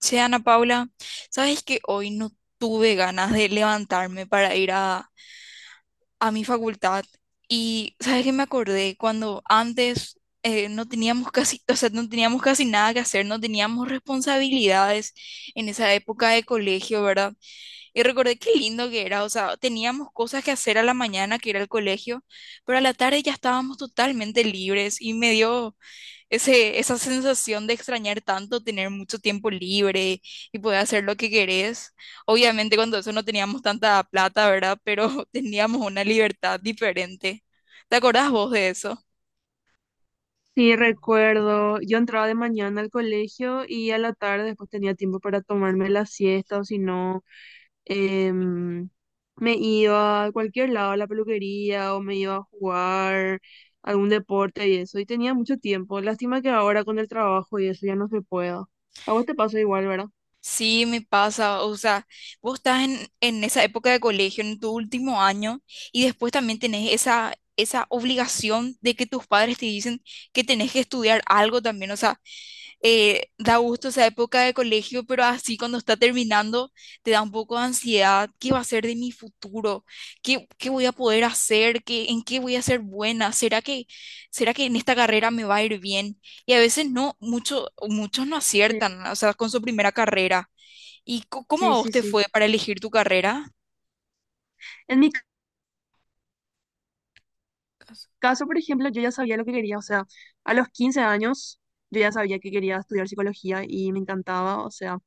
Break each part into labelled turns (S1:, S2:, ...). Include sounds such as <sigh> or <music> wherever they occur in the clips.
S1: Che, Ana Paula, ¿sabes que hoy no tuve ganas de levantarme para ir a mi facultad? Y ¿sabes que me acordé? Cuando antes no teníamos casi, o sea, no teníamos casi nada que hacer, no teníamos responsabilidades en esa época de colegio, ¿verdad? Y recordé qué lindo que era, o sea, teníamos cosas que hacer a la mañana, que era el colegio, pero a la tarde ya estábamos totalmente libres y me dio esa sensación de extrañar tanto tener mucho tiempo libre y poder hacer lo que querés. Obviamente cuando eso no teníamos tanta plata, ¿verdad? Pero <laughs> teníamos una libertad diferente. ¿Te acordás vos de eso?
S2: Sí, recuerdo, yo entraba de mañana al colegio y a la tarde después tenía tiempo para tomarme la siesta o si no, em, me iba a cualquier lado, a la peluquería o me iba a jugar algún deporte y eso, y tenía mucho tiempo. Lástima que ahora con el trabajo y eso ya no se pueda. A vos te pasa igual, ¿verdad?
S1: Sí, me pasa, o sea, vos estás en esa época de colegio, en tu último año, y después también tenés esa obligación de que tus padres te dicen que tenés que estudiar algo también, o sea, da gusto esa época de colegio, pero así cuando está terminando te da un poco de ansiedad. ¿Qué va a ser de mi futuro? ¿ qué voy a poder hacer? ¿ en qué voy a ser buena? ¿ será que en esta carrera me va a ir bien? Y a veces no, mucho, muchos no
S2: Sí,
S1: aciertan, o sea, con su primera carrera. ¿Y cómo
S2: sí,
S1: a vos
S2: sí,
S1: te
S2: sí.
S1: fue para elegir tu carrera?
S2: En mi caso, por ejemplo, yo ya sabía lo que quería, o sea, a los 15 años yo ya sabía que quería estudiar psicología y me encantaba, o sea.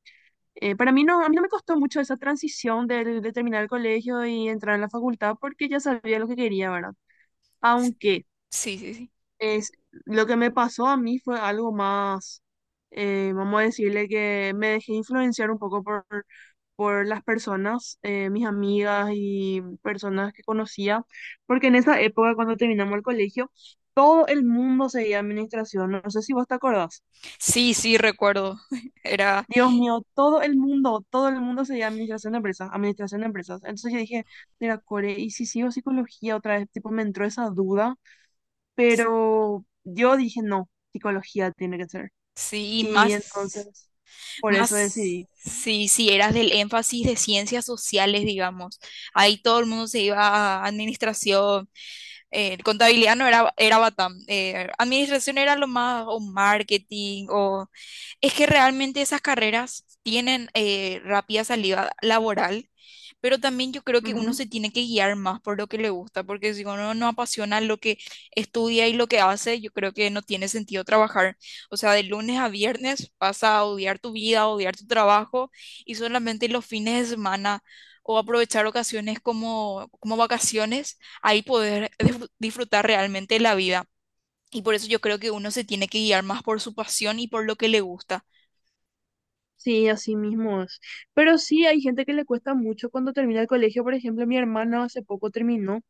S2: Para mí no, a mí no me costó mucho esa transición de terminar el colegio y entrar a la facultad porque ya sabía lo que quería, ¿verdad? Aunque
S1: Sí, sí, sí.
S2: es, lo que me pasó a mí fue algo más, vamos a decirle que me dejé influenciar un poco por las personas, mis amigas y personas que conocía, porque en esa época cuando terminamos el colegio, todo el mundo seguía administración, no sé si vos te acordás.
S1: Sí, sí, recuerdo. <laughs> Era,
S2: Dios mío, todo el mundo se llama administración de empresas, administración de empresas. Entonces yo dije, mira, Core, ¿y si sigo psicología otra vez? Tipo, me entró esa duda, pero yo dije, no, psicología tiene que ser.
S1: sí, y
S2: Y
S1: más,
S2: entonces, por eso
S1: más,
S2: decidí.
S1: sí, sí, eras del énfasis de ciencias sociales, digamos. Ahí todo el mundo se iba a administración, contabilidad no era, era Batam, administración era lo más, o marketing, o es que realmente esas carreras tienen rápida salida laboral, pero también yo creo que uno
S2: Ujú.
S1: se tiene que guiar más por lo que le gusta, porque si uno no apasiona lo que estudia y lo que hace, yo creo que no tiene sentido trabajar. O sea, de lunes a viernes vas a odiar tu vida, a odiar tu trabajo y solamente los fines de semana o aprovechar ocasiones como, como vacaciones ahí poder disfrutar realmente la vida. Y por eso yo creo que uno se tiene que guiar más por su pasión y por lo que le gusta.
S2: Sí, así mismo es. Pero sí, hay gente que le cuesta mucho cuando termina el colegio. Por ejemplo, mi hermana hace poco terminó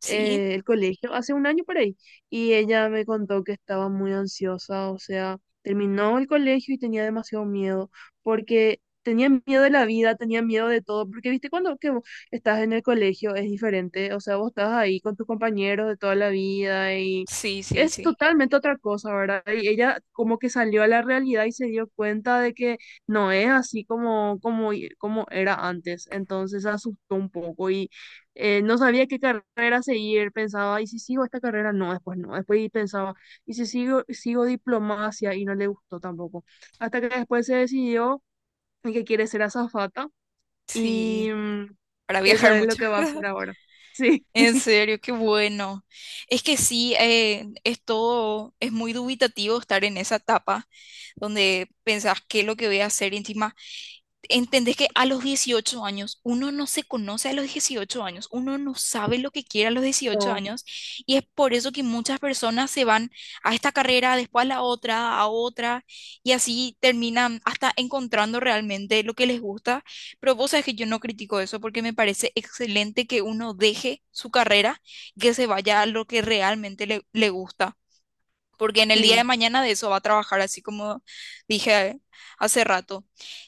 S1: Sí,
S2: el colegio hace un año por ahí y ella me contó que estaba muy ansiosa, o sea, terminó el colegio y tenía demasiado miedo porque tenía miedo de la vida, tenía miedo de todo, porque viste cuando que vos estás en el colegio es diferente, o sea, vos estás ahí con tus compañeros de toda la vida y
S1: sí, sí,
S2: es
S1: sí,
S2: totalmente otra cosa, ¿verdad? Y ella como que salió a la realidad y se dio cuenta de que no es así como era antes, entonces se asustó un poco y no sabía qué carrera seguir, pensaba, ¿y si sigo esta carrera? No, después no, después y pensaba, ¿y si sigo diplomacia? Y no le gustó tampoco, hasta que después se decidió en que quiere ser azafata y
S1: sí,
S2: mm,
S1: para
S2: eso
S1: viajar
S2: es lo
S1: mucho.
S2: que va a hacer ahora. <laughs> Sí,
S1: En serio, qué bueno. Es que sí, es todo, es muy dubitativo estar en esa etapa donde pensás qué es lo que voy a hacer y encima. Entendés que a los 18 años uno no se conoce a los 18 años, uno no sabe lo que quiere a los dieciocho
S2: no,
S1: años y es por eso que muchas personas se van a esta carrera, después a la otra, a otra y así terminan hasta encontrando realmente lo que les gusta, pero vos sabés que yo no critico eso porque me parece excelente que uno deje su carrera y que se vaya a lo que realmente le gusta. Porque en el día de
S2: sí,
S1: mañana de eso va a trabajar, así como dije hace rato.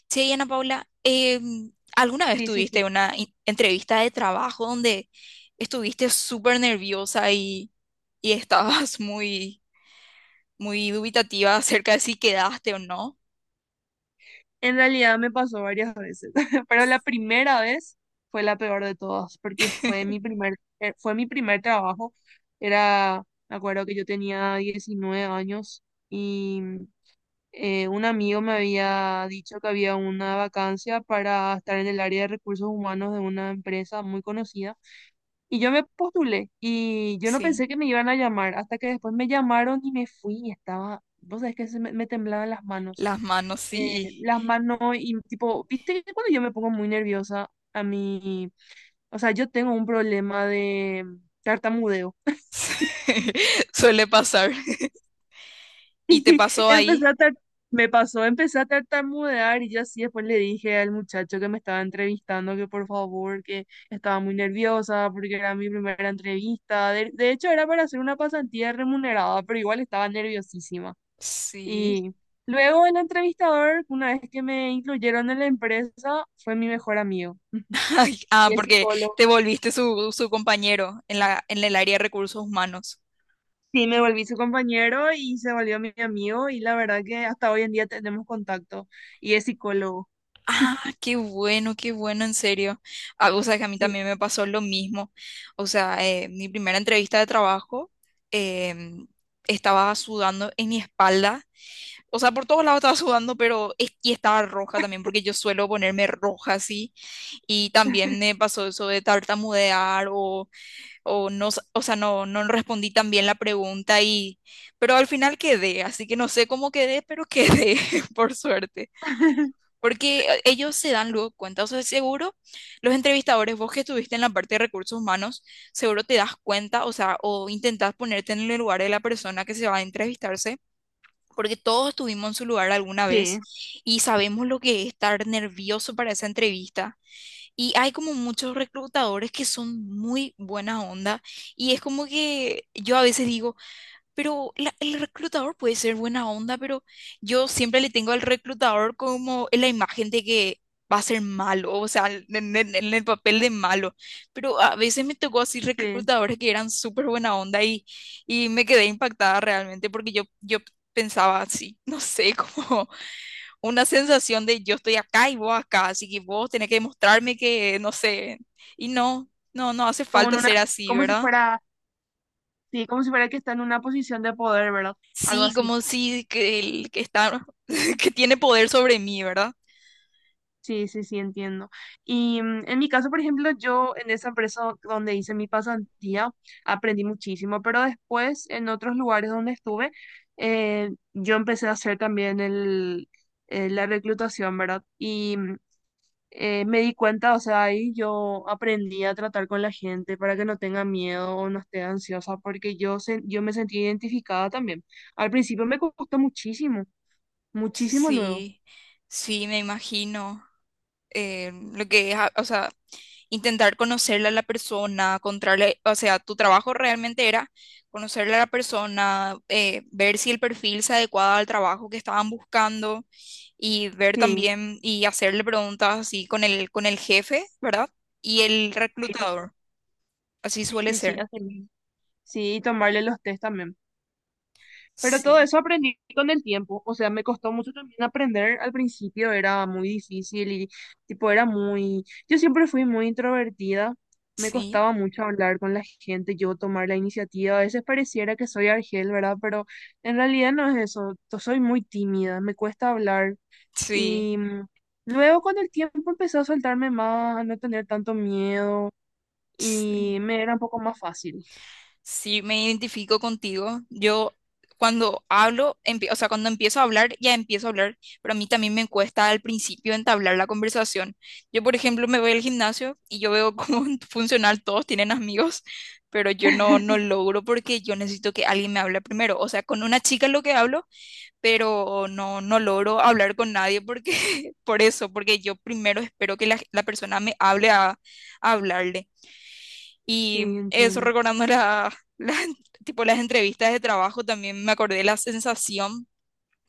S1: Sí, Ana Paula, ¿alguna vez
S2: sí, sí, sí.
S1: tuviste una entrevista de trabajo donde estuviste súper nerviosa y estabas <laughs> muy, muy dubitativa acerca de si quedaste o no?
S2: En realidad me pasó varias veces, <laughs> pero la primera vez fue la peor de todas, porque
S1: <laughs>
S2: fue mi primer trabajo, era, me acuerdo que yo tenía 19 años. Y un amigo me había dicho que había una vacancia para estar en el área de recursos humanos de una empresa muy conocida y yo me postulé y yo no
S1: Sí,
S2: pensé que me iban a llamar hasta que después me llamaron y me fui y estaba, vos sabés que me temblaban
S1: las manos sí.
S2: las manos y tipo, viste que cuando yo me pongo muy nerviosa a mí, o sea, yo tengo un problema de tartamudeo.
S1: <laughs> Suele pasar. Y te
S2: <laughs>
S1: pasó
S2: Empecé
S1: ahí.
S2: a tar- Me pasó, empecé a tartamudear y yo así después le dije al muchacho que me estaba entrevistando que por favor, que estaba muy nerviosa porque era mi primera entrevista. De hecho, era para hacer una pasantía remunerada, pero igual estaba nerviosísima.
S1: Sí.
S2: Y luego el entrevistador, una vez que me incluyeron en la empresa, fue mi mejor amigo <laughs>
S1: <laughs> Ay, ah,
S2: y es
S1: porque
S2: psicólogo.
S1: te volviste su compañero en en el área de recursos humanos.
S2: Sí, me volví su compañero y se volvió mi amigo y la verdad que hasta hoy en día tenemos contacto y es psicólogo.
S1: Ah, qué bueno, en serio. Ah, o sea, que a mí
S2: Sí.
S1: también me pasó lo mismo. O sea, mi primera entrevista de trabajo em, estaba sudando en mi espalda. O sea, por todos lados estaba sudando, pero y estaba roja también, porque yo suelo ponerme roja así. Y también me pasó eso de tartamudear o no, o sea, no, no respondí tan bien la pregunta y, pero al final quedé, así que no sé cómo quedé, pero quedé, <laughs> por suerte, porque ellos se dan luego cuenta, o sea, seguro los entrevistadores, vos que estuviste en la parte de recursos humanos, seguro te das cuenta, o sea, o intentás ponerte en el lugar de la persona que se va a entrevistarse. Porque todos estuvimos en su lugar alguna
S2: Sí,
S1: vez y sabemos lo que es estar nervioso para esa entrevista, y hay como muchos reclutadores que son muy buena onda, y es como que yo a veces digo, pero el reclutador puede ser buena onda, pero yo siempre le tengo al reclutador como en la imagen de que va a ser malo, o sea, en, en el papel de malo. Pero a veces me tocó así
S2: sí,
S1: reclutadores que eran súper buena onda y me quedé impactada realmente porque yo pensaba así, no sé <laughs> cómo una sensación de yo estoy acá y vos acá, así que vos tenés que demostrarme que, no sé, y no, no, no hace
S2: como en
S1: falta
S2: una,
S1: ser así,
S2: como si
S1: ¿verdad?
S2: fuera, sí, como si fuera que está en una posición de poder, ¿verdad? Algo
S1: Sí,
S2: así.
S1: como si que el que está, <laughs> que tiene poder sobre mí, ¿verdad?
S2: Sí, sí, sí, entiendo. Y mm, en mi caso, por ejemplo, yo en esa empresa donde hice mi pasantía aprendí muchísimo, pero después en otros lugares donde estuve, yo empecé a hacer también el, la reclutación, ¿verdad? Y mm, me di cuenta, o sea, ahí yo aprendí a tratar con la gente para que no tenga miedo o no esté ansiosa, porque yo me sentí identificada también. Al principio me costó muchísimo, muchísimo luego.
S1: Sí, sí, me imagino. Eh, lo que es, o sea, intentar conocerle a la persona, encontrarle, o sea, tu trabajo realmente era conocerle a la persona, ver si el perfil se adecuaba al trabajo que estaban buscando y ver
S2: Sí,
S1: también y hacerle preguntas así con el jefe, ¿verdad? Y el
S2: sí, sí, sí,
S1: reclutador, así
S2: sí,
S1: suele
S2: sí, sí,
S1: ser.
S2: así mismo. Sí, y tomarle los test también. Pero todo
S1: Sí,
S2: eso aprendí con el tiempo, o sea, me costó mucho también aprender al principio, era muy difícil y tipo era muy, yo siempre fui muy introvertida, me
S1: sí,
S2: costaba mucho hablar con la gente, yo tomar la iniciativa, a veces pareciera que soy Argel, ¿verdad? Pero en realidad no es eso, yo soy muy tímida, me cuesta hablar
S1: sí,
S2: y mm, luego con el tiempo empecé a soltarme más, a no tener tanto miedo y
S1: sí.
S2: me era un poco más fácil.
S1: Sí, me identifico contigo. Yo cuando hablo, o sea, cuando empiezo a hablar, ya empiezo a hablar, pero a mí también me cuesta al principio entablar la conversación. Yo, por ejemplo, me voy al gimnasio y yo veo cómo <laughs> funcional todos tienen amigos, pero yo no, no
S2: <laughs>
S1: logro porque yo necesito que alguien me hable primero. O sea, con una chica es lo que hablo, pero no, no logro hablar con nadie porque, <laughs> por eso, porque yo primero espero que la persona me hable a hablarle.
S2: Sí,
S1: Y eso
S2: entiendo,
S1: recordando <laughs> tipo, las entrevistas de trabajo, también me acordé de la sensación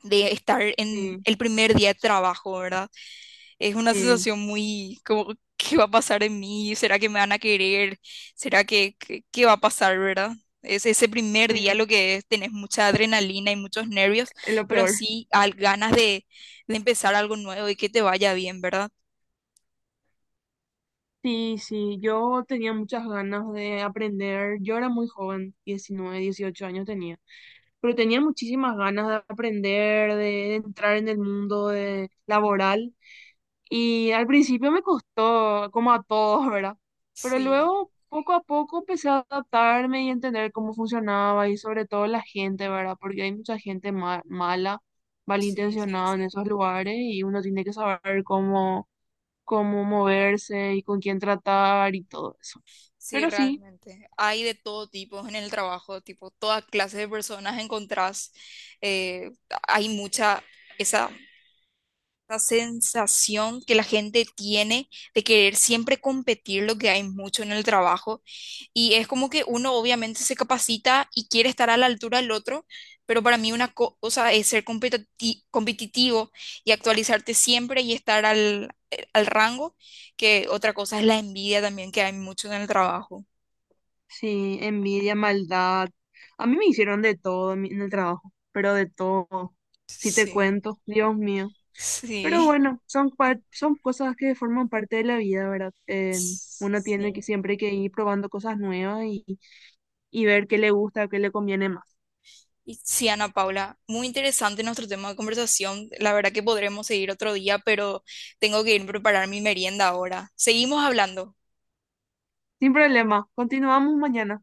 S1: de estar en
S2: sí,
S1: el primer día de trabajo, ¿verdad? Es una
S2: sí,
S1: sensación muy como, ¿qué va a pasar en mí? ¿Será que me van a querer? ¿Será que, qué va a pasar, verdad? Es ese primer día
S2: sí.
S1: lo que es, tenés mucha adrenalina y muchos nervios,
S2: Es lo
S1: pero
S2: peor.
S1: sí al, ganas de empezar algo nuevo y que te vaya bien, ¿verdad?
S2: Sí, sí, yo tenía muchas ganas de aprender. Yo era muy joven, 19 18 años tenía, pero tenía muchísimas ganas de aprender, de entrar en el mundo de, laboral. Y al principio me costó, como a todos, ¿verdad? Pero
S1: Sí,
S2: luego, poco a poco, empecé a adaptarme y entender cómo funcionaba y sobre todo la gente, ¿verdad? Porque hay mucha gente mala,
S1: sí, sí,
S2: malintencionada en
S1: sí.
S2: esos lugares y uno tiene que saber cómo cómo moverse y con quién tratar y todo eso.
S1: Sí,
S2: Pero sí,
S1: realmente. Hay de todo tipo en el trabajo, tipo, toda clase de personas encontrás. Eh, hay mucha esa, esa sensación que la gente tiene de querer siempre competir, lo que hay mucho en el trabajo. Y es como que uno obviamente se capacita y quiere estar a la altura del otro, pero para mí una cosa es ser competitivo y actualizarte siempre y estar al, al rango, que otra cosa es la envidia también que hay mucho en el trabajo.
S2: sí, envidia, maldad. A mí me hicieron de todo en en el trabajo, pero de todo. Si te
S1: Sí,
S2: cuento, Dios mío. Pero
S1: sí,
S2: bueno, son cosas que forman parte de la vida, ¿verdad? Uno tiene que
S1: sí.
S2: siempre que ir probando cosas nuevas y ver qué le gusta, qué le conviene más.
S1: Y sí, Ana Paula, muy interesante nuestro tema de conversación. La verdad que podremos seguir otro día, pero tengo que ir a preparar mi merienda ahora. Seguimos hablando.
S2: Sin problema, continuamos mañana.